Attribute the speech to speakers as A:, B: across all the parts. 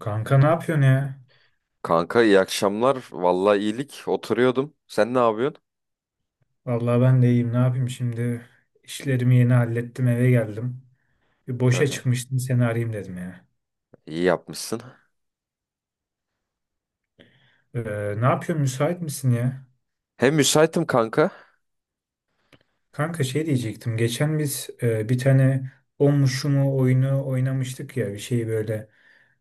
A: Kanka ne yapıyorsun ya?
B: Kanka, iyi akşamlar. Vallahi iyilik. Oturuyordum. Sen ne yapıyorsun?
A: Vallahi ben de iyiyim. Ne yapayım şimdi? İşlerimi yeni hallettim, eve geldim. Bir
B: Hı
A: boşa
B: hı.
A: çıkmıştım, seni arayayım dedim ya.
B: İyi yapmışsın.
A: Ee, ne yapıyorsun? Müsait misin ya?
B: Hem müsaitim kanka.
A: Kanka şey diyecektim. Geçen biz bir tane o mu şu mu oyunu oynamıştık ya. Bir şeyi böyle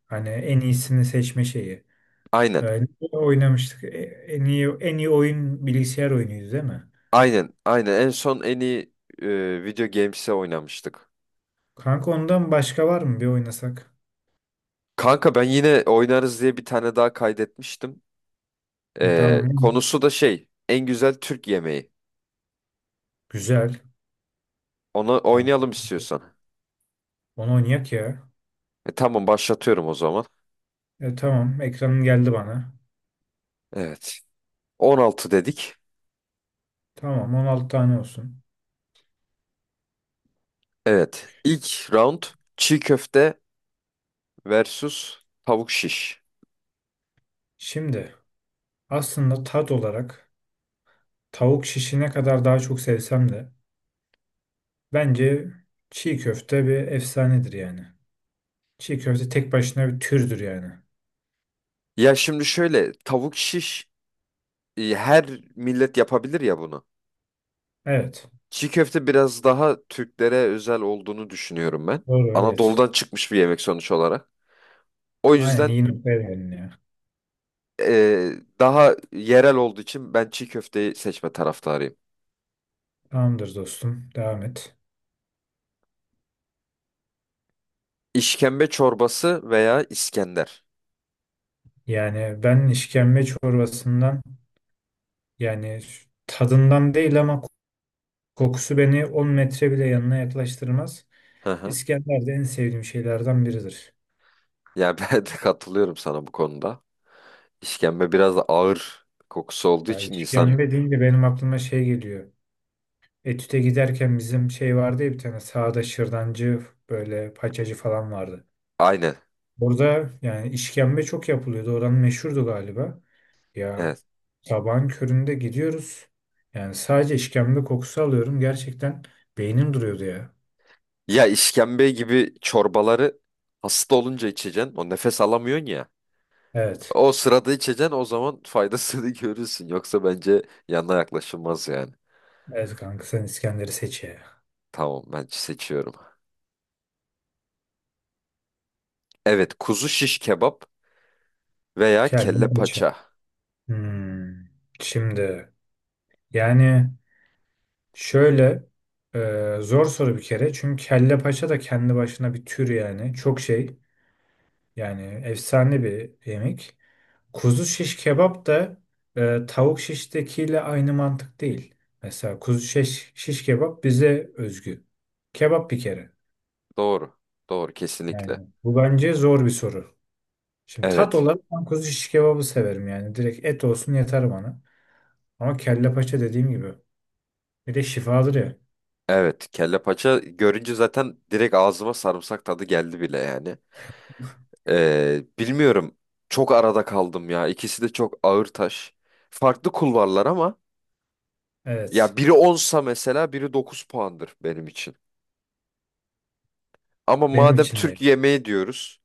A: hani en iyisini seçme şeyi.
B: Aynen.
A: Ne oynamıştık. En iyi oyun bilgisayar oyunuydu değil mi?
B: Aynen. Aynen. En son en iyi video games'e oynamıştık.
A: Kanka ondan başka var mı? Bir oynasak.
B: Kanka ben yine oynarız diye bir tane daha kaydetmiştim.
A: Tamam.
B: Konusu da şey. En güzel Türk yemeği.
A: Güzel.
B: Onu
A: Tamam.
B: oynayalım istiyorsan.
A: Onu oynayak ya.
B: Tamam, başlatıyorum o zaman.
A: Tamam, ekranın geldi bana.
B: Evet. 16 dedik.
A: Tamam, 16 tane olsun.
B: Evet. İlk round çiğ köfte versus tavuk şiş.
A: Şimdi aslında tat olarak tavuk şişi ne kadar daha çok sevsem de bence çiğ köfte bir efsanedir yani. Çiğ köfte tek başına bir türdür yani.
B: Ya şimdi şöyle, tavuk şiş her millet yapabilir ya bunu.
A: Evet.
B: Çiğ köfte biraz daha Türklere özel olduğunu düşünüyorum ben.
A: Doğru, evet.
B: Anadolu'dan çıkmış bir yemek sonuç olarak. O
A: Aynen
B: yüzden
A: iyi noktaya değindin ya.
B: e, daha yerel olduğu için ben çiğ köfteyi seçme taraftarıyım.
A: Tamamdır dostum, devam et.
B: İşkembe çorbası veya İskender.
A: Yani ben işkembe çorbasından yani tadından değil ama kokusu beni 10 metre bile yanına yaklaştırmaz.
B: Hı hı.
A: İskender de en sevdiğim şeylerden biridir.
B: Yani ben de katılıyorum sana bu konuda. İşkembe biraz da ağır kokusu olduğu
A: Yani
B: için insan
A: işkembe deyince benim aklıma şey geliyor. Etüt'e giderken bizim şey vardı ya bir tane sağda şırdancı böyle paçacı falan vardı.
B: aynı.
A: Orada yani işkembe çok yapılıyordu. Oranın meşhurdu galiba. Ya sabahın köründe gidiyoruz. Yani sadece işkembe kokusu alıyorum. Gerçekten beynim duruyordu ya.
B: Ya işkembe gibi çorbaları hasta olunca içeceksin. O nefes alamıyorsun ya.
A: Evet.
B: O sırada içeceksin, o zaman faydasını görürsün. Yoksa bence yanına yaklaşılmaz yani.
A: Evet kanka sen İskender'i seç ya.
B: Tamam, ben seçiyorum. Evet, kuzu şiş kebap veya kelle
A: Keldim kaça.
B: paça.
A: Hmm. Şimdi yani şöyle zor soru bir kere. Çünkü kelle paça da kendi başına bir tür yani. Çok şey yani efsane bir yemek. Kuzu şiş kebap da tavuk şiştekiyle aynı mantık değil. Mesela kuzu şiş, şiş kebap bize özgü. Kebap bir kere.
B: Doğru. Doğru, kesinlikle.
A: Yani bu bence zor bir soru. Şimdi tat
B: Evet.
A: olarak ben kuzu şiş kebabı severim yani. Direkt et olsun yeter bana. Ama kelle paça dediğim gibi. Bir de şifadır ya.
B: Evet, kelle paça görünce zaten direkt ağzıma sarımsak tadı geldi bile yani. Bilmiyorum. Çok arada kaldım ya. İkisi de çok ağır taş. Farklı kulvarlar ama
A: Evet.
B: ya biri onsa mesela biri 9 puandır benim için. Ama
A: Benim
B: madem
A: için de.
B: Türk yemeği diyoruz,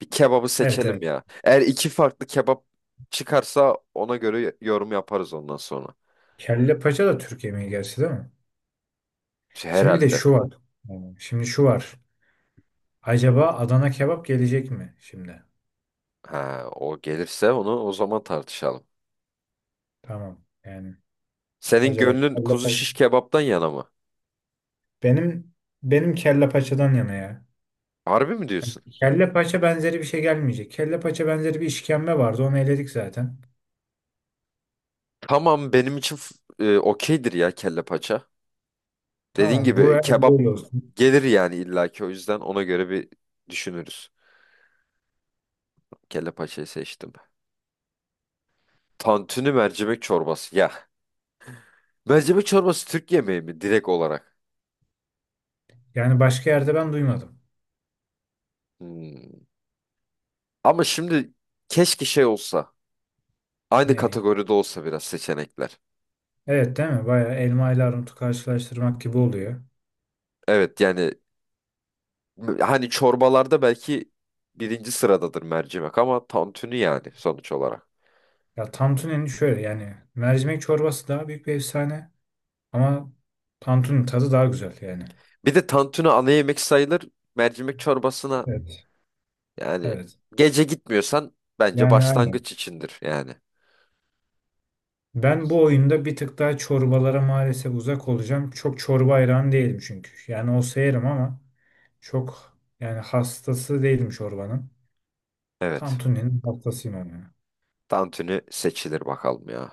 B: bir kebabı
A: Evet,
B: seçelim
A: evet.
B: ya. Eğer iki farklı kebap çıkarsa ona göre yorum yaparız ondan sonra.
A: Kelle paça da Türk yemeği gerçi değil mi?
B: Şey,
A: Şimdi de
B: herhalde.
A: şu var. Tamam. Şimdi şu var. Acaba Adana kebap gelecek mi şimdi?
B: Ha, o gelirse onu o zaman tartışalım.
A: Tamam. Yani
B: Senin
A: acaba
B: gönlün
A: kelle
B: kuzu
A: paça.
B: şiş kebaptan yana mı?
A: Benim benim kelle paçadan yana ya.
B: Harbi mi diyorsun?
A: Kelle paça benzeri bir şey gelmeyecek. Kelle paça benzeri bir işkembe vardı. Onu eledik zaten.
B: Tamam, benim için okeydir ya, kelle paça. Dediğin
A: Tamam, bu
B: gibi
A: el
B: kebap
A: böyle olsun.
B: gelir yani illaki, o yüzden ona göre bir düşünürüz. Kelle paçayı seçtim. Tantuni, mercimek çorbası. Ya mercimek çorbası Türk yemeği mi direkt olarak?
A: Yani başka yerde ben duymadım.
B: Hmm. Ama şimdi keşke şey olsa. Aynı
A: Ne?
B: kategoride olsa biraz seçenekler.
A: Evet, değil mi? Bayağı elma ile armutu karşılaştırmak gibi oluyor.
B: Evet yani, hani çorbalarda belki birinci sıradadır mercimek ama tantuni yani sonuç olarak.
A: Ya Tantuni'nin şöyle yani mercimek çorbası daha büyük bir efsane. Ama Tantun'un tadı daha güzel yani.
B: Bir de tantuni ana yemek sayılır. Mercimek çorbasına
A: Evet.
B: yani
A: Evet.
B: gece gitmiyorsan bence
A: Yani aynen.
B: başlangıç içindir yani.
A: Ben bu oyunda bir tık daha çorbalara maalesef uzak olacağım. Çok çorba hayranı değilim çünkü. Yani olsa yerim ama çok yani hastası değilim çorbanın.
B: Evet.
A: Tantuni'nin hastasıyım ama ya.
B: Tantuni seçilir bakalım ya.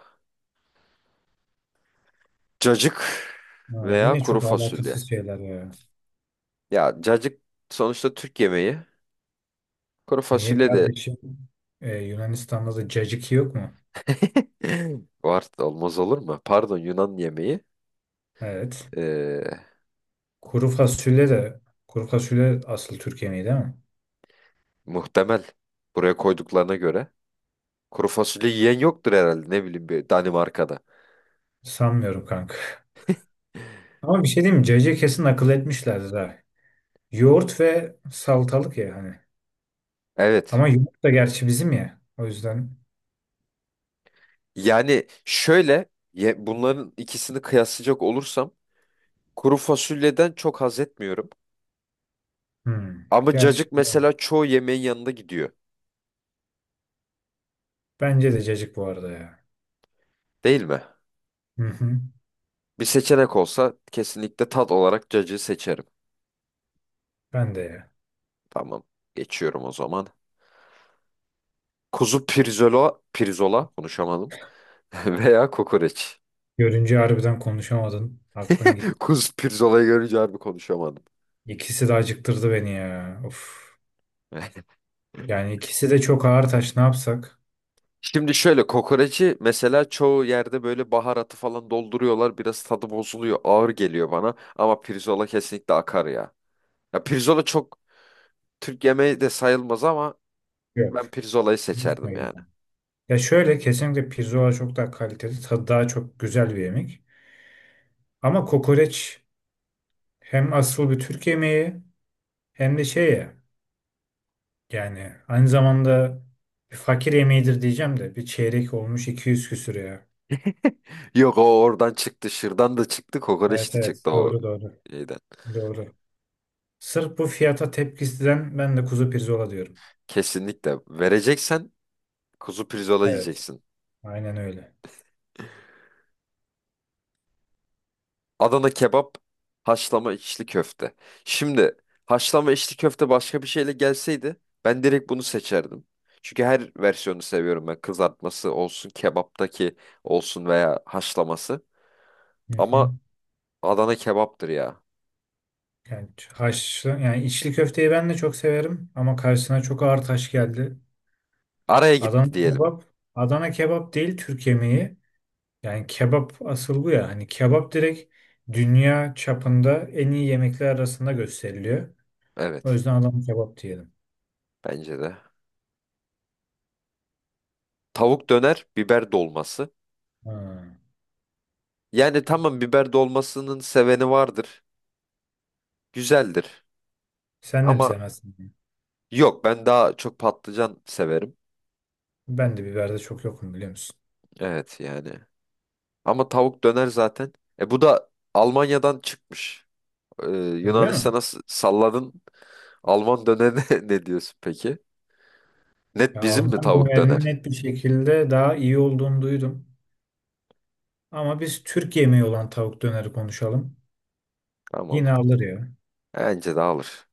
B: Cacık
A: Ha,
B: veya
A: yine
B: kuru
A: çok
B: fasulye.
A: alakasız şeyler ya.
B: Ya cacık sonuçta Türk yemeği. Kuru
A: Niye
B: fasulye de
A: kardeşim? Yunanistan'da da caciki yok mu?
B: var, olmaz olur mu? Pardon, Yunan yemeği.
A: Evet.
B: Ee,
A: Kuru fasulye de kuru fasulye asıl Türkiye mi değil mi?
B: Muhtemel, buraya koyduklarına göre. Kuru fasulye yiyen yoktur herhalde, ne bileyim, bir Danimarka'da.
A: Sanmıyorum kanka. Ama bir şey diyeyim mi? CC kesin akıl etmişlerdi daha. Yoğurt ve salatalık ya hani.
B: Evet.
A: Ama yoğurt da gerçi bizim ya. O yüzden.
B: Yani şöyle, bunların ikisini kıyaslayacak olursam kuru fasulyeden çok haz etmiyorum.
A: Hmm.
B: Ama
A: Gerçi
B: cacık mesela çoğu yemeğin yanında gidiyor.
A: bence de cacık bu arada ya.
B: Değil mi?
A: Hı hı.
B: Bir seçenek olsa kesinlikle tat olarak cacığı seçerim.
A: Ben de ya.
B: Tamam. Geçiyorum o zaman. Kuzu pirzola, pirzola konuşamadım. Veya kokoreç.
A: Görünce harbiden konuşamadın. Aklın git.
B: Kuzu pirzolayı görünce harbi konuşamadım.
A: İkisi de acıktırdı beni ya. Of. Yani ikisi de çok ağır taş. Ne yapsak?
B: Şimdi şöyle, kokoreci mesela çoğu yerde böyle baharatı falan dolduruyorlar. Biraz tadı bozuluyor. Ağır geliyor bana. Ama pirzola kesinlikle akar ya. Ya pirzola çok Türk yemeği de sayılmaz ama
A: Yok.
B: ben pirzolayı seçerdim
A: Gitmeyelim.
B: yani.
A: Ya şöyle, kesinlikle pirzola çok daha kaliteli. Tadı daha çok güzel bir yemek. Ama kokoreç hem asıl bir Türk yemeği hem de şey ya. Yani aynı zamanda bir fakir yemeğidir diyeceğim de bir çeyrek olmuş 200 küsür ya.
B: Yok, o oradan çıktı. Şırdan da çıktı. Kokoreç
A: Evet,
B: de
A: evet,
B: çıktı o
A: doğru, doğru,
B: şeyden.
A: doğru. Sırf bu fiyata tepkisinden ben de kuzu pirzola diyorum.
B: Kesinlikle. Vereceksen kuzu pirzola
A: Evet,
B: yiyeceksin.
A: aynen öyle.
B: Adana kebap, haşlama içli köfte. Şimdi haşlama içli köfte başka bir şeyle gelseydi ben direkt bunu seçerdim. Çünkü her versiyonu seviyorum ben. Kızartması olsun, kebaptaki olsun veya haşlaması.
A: Hı hı.
B: Ama Adana kebaptır ya.
A: Yani haşlı yani içli köfteyi ben de çok severim ama karşısına çok ağır taş geldi.
B: Araya
A: Adana
B: gitti diyelim.
A: kebap, Adana kebap değil Türk yemeği. Yani kebap asıl bu ya. Hani kebap direkt dünya çapında en iyi yemekler arasında gösteriliyor. O
B: Evet,
A: yüzden Adana kebap diyelim.
B: bence de. Tavuk döner, biber dolması.
A: Ha.
B: Yani tamam, biber dolmasının seveni vardır. Güzeldir.
A: Sen de mi
B: Ama
A: sevmezsin?
B: yok, ben daha çok patlıcan severim.
A: Ben de biberde çok yokum biliyor musun?
B: Evet yani. Ama tavuk döner zaten. E bu da Almanya'dan çıkmış. Ee,
A: Öyle mi?
B: Yunanistan'a salladın. Alman dönerine ne diyorsun peki? Net
A: Ya
B: bizim mi
A: Alman
B: tavuk
A: dönerinin
B: döner?
A: net bir şekilde daha iyi olduğunu duydum. Ama biz Türk yemeği olan tavuk döneri konuşalım.
B: Tamam.
A: Yine alır ya.
B: Bence de alır.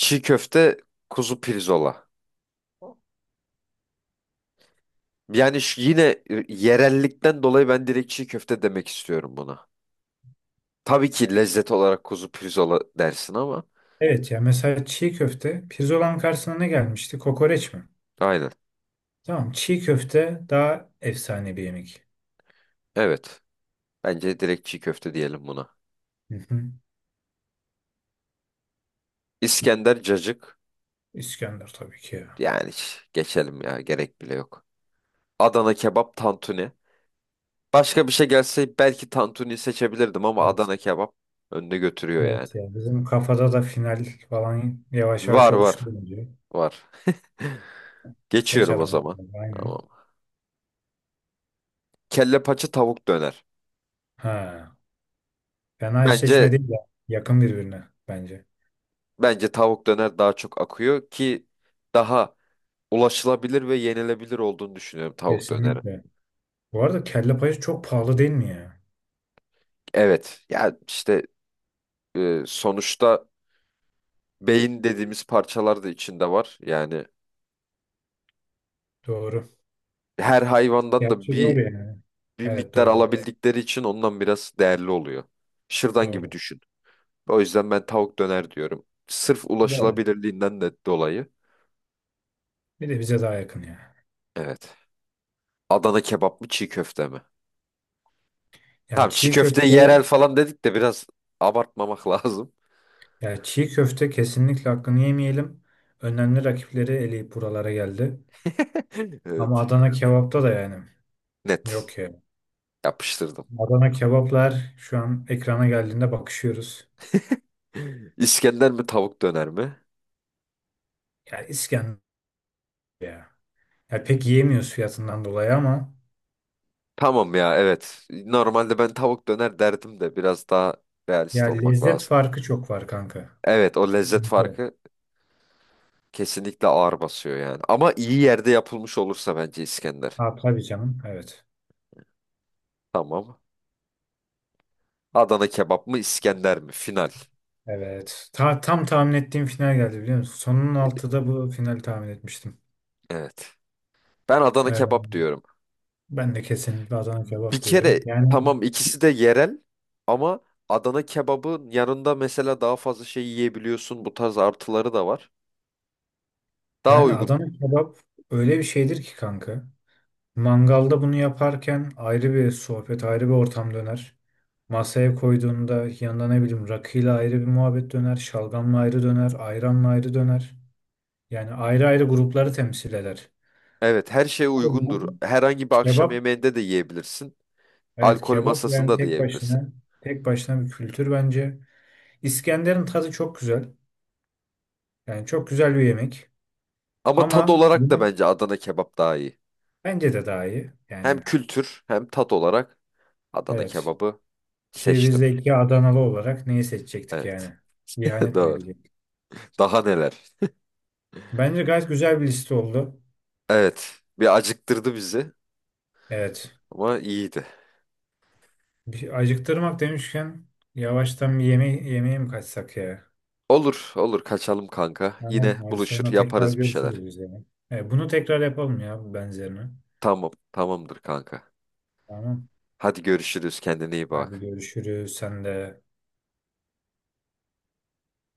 B: Çiğ köfte, kuzu pirzola. Yani şu yine yerellikten dolayı ben direkt çiğ köfte demek istiyorum buna. Tabii ki lezzet olarak kuzu pirzola dersin ama.
A: Evet ya, mesela çiğ köfte pirzolanın karşısına ne gelmişti? Kokoreç mi?
B: Aynen.
A: Tamam, çiğ köfte daha efsane bir yemek.
B: Evet. Bence direkt çiğ köfte diyelim buna.
A: Hı hı.
B: İskender, cacık.
A: İskender tabii ki ya.
B: Yani geçelim ya, gerek bile yok. Adana kebap, tantuni. Başka bir şey gelse belki tantuni seçebilirdim ama
A: Evet.
B: Adana kebap önde götürüyor yani.
A: Evet ya, bizim kafada da final falan yavaş yavaş
B: Var, var,
A: oluştu bence.
B: var.
A: Seç
B: Geçiyorum o
A: adamı.
B: zaman.
A: Aynen.
B: Tamam. Kelle paça, tavuk döner.
A: Ha. Fena eşleşme
B: Bence
A: değil ya. Yakın birbirine bence.
B: bence tavuk döner daha çok akıyor ki daha ulaşılabilir ve yenilebilir olduğunu düşünüyorum tavuk döneri.
A: Kesinlikle. Bu arada kelle payı çok pahalı değil mi ya?
B: Evet. Ya işte, sonuçta beyin dediğimiz parçalar da içinde var. Yani
A: Doğru.
B: her hayvandan da
A: Gerçi
B: bir
A: doğru yani.
B: bir
A: Evet,
B: miktar
A: doğru, doğru.
B: alabildikleri için ondan biraz değerli oluyor. Şırdan gibi
A: Doğru.
B: düşün. O yüzden ben tavuk döner diyorum. Sırf
A: Evet.
B: ulaşılabilirliğinden de dolayı.
A: Bir de bize daha yakın ya.
B: Evet. Adana kebap mı, çiğ köfte mi?
A: Yani
B: Tamam, çiğ
A: çiğ
B: köfte
A: köfte,
B: yerel falan dedik de biraz abartmamak lazım.
A: yani çiğ köfte kesinlikle hakkını yemeyelim. Önemli rakipleri eleyip buralara geldi. Ama
B: Evet.
A: Adana kebapta da yani
B: Net.
A: yok ya.
B: Yapıştırdım.
A: Adana kebaplar şu an ekrana geldiğinde bakışıyoruz.
B: İskender mi, tavuk döner mi?
A: Ya İskender ya. Ya pek yiyemiyoruz fiyatından dolayı ama
B: Tamam ya, evet. Normalde ben tavuk döner derdim de biraz daha
A: ya,
B: realist olmak
A: lezzet
B: lazım.
A: farkı çok var kanka.
B: Evet, o lezzet
A: Evet.
B: farkı kesinlikle ağır basıyor yani. Ama iyi yerde yapılmış olursa bence İskender.
A: Ha, tabii canım. Evet.
B: Tamam. Adana kebap mı, İskender mi? Final.
A: Evet. Tam tahmin ettiğim final geldi biliyor musun? Sonun altıda bu finali tahmin etmiştim.
B: Evet. Ben Adana
A: Ee,
B: kebap diyorum.
A: ben de kesinlikle Adana
B: Bir
A: kebap
B: kere
A: diyorum. Yani
B: tamam, ikisi de yerel ama Adana kebabın yanında mesela daha fazla şey yiyebiliyorsun. Bu tarz artıları da var. Daha uygun.
A: Adana kebap öyle bir şeydir ki kanka. Mangalda bunu yaparken ayrı bir sohbet, ayrı bir ortam döner. Masaya koyduğunda yanında ne bileyim rakıyla ayrı bir muhabbet döner, şalgamla ayrı döner, ayranla ayrı döner. Yani ayrı ayrı grupları temsil eder.
B: Evet, her şey
A: O
B: uygundur.
A: yüzden
B: Herhangi bir akşam
A: kebap.
B: yemeğinde de yiyebilirsin.
A: Evet,
B: Alkol
A: kebap yani
B: masasında da
A: tek
B: yiyebilirsin.
A: başına, tek başına bir kültür bence. İskender'in tadı çok güzel. Yani çok güzel bir yemek.
B: Ama tat
A: Ama
B: olarak da
A: bunun
B: bence Adana kebap daha iyi.
A: bence de daha iyi.
B: Hem
A: Yani
B: kültür hem tat olarak Adana
A: evet.
B: kebabı
A: Ki biz
B: seçtim.
A: de iki Adanalı olarak neyi seçecektik
B: Evet.
A: yani? İhanet mi
B: Doğru.
A: edecektik?
B: Daha neler?
A: Bence gayet güzel bir liste oldu.
B: Evet. Bir acıktırdı bizi
A: Evet.
B: ama iyiydi.
A: Bir acıktırmak demişken yavaştan bir yeme yemeğe mi kaçsak ya?
B: Olur, olur. Kaçalım kanka. Yine
A: Tamam. Hadi
B: buluşur,
A: sonra tekrar
B: yaparız bir şeyler.
A: görüşürüz biz yani. Evet, bunu tekrar yapalım ya benzerini.
B: Tamam, tamamdır kanka.
A: Tamam.
B: Hadi görüşürüz. Kendine iyi
A: Hadi
B: bak.
A: görüşürüz. Sen de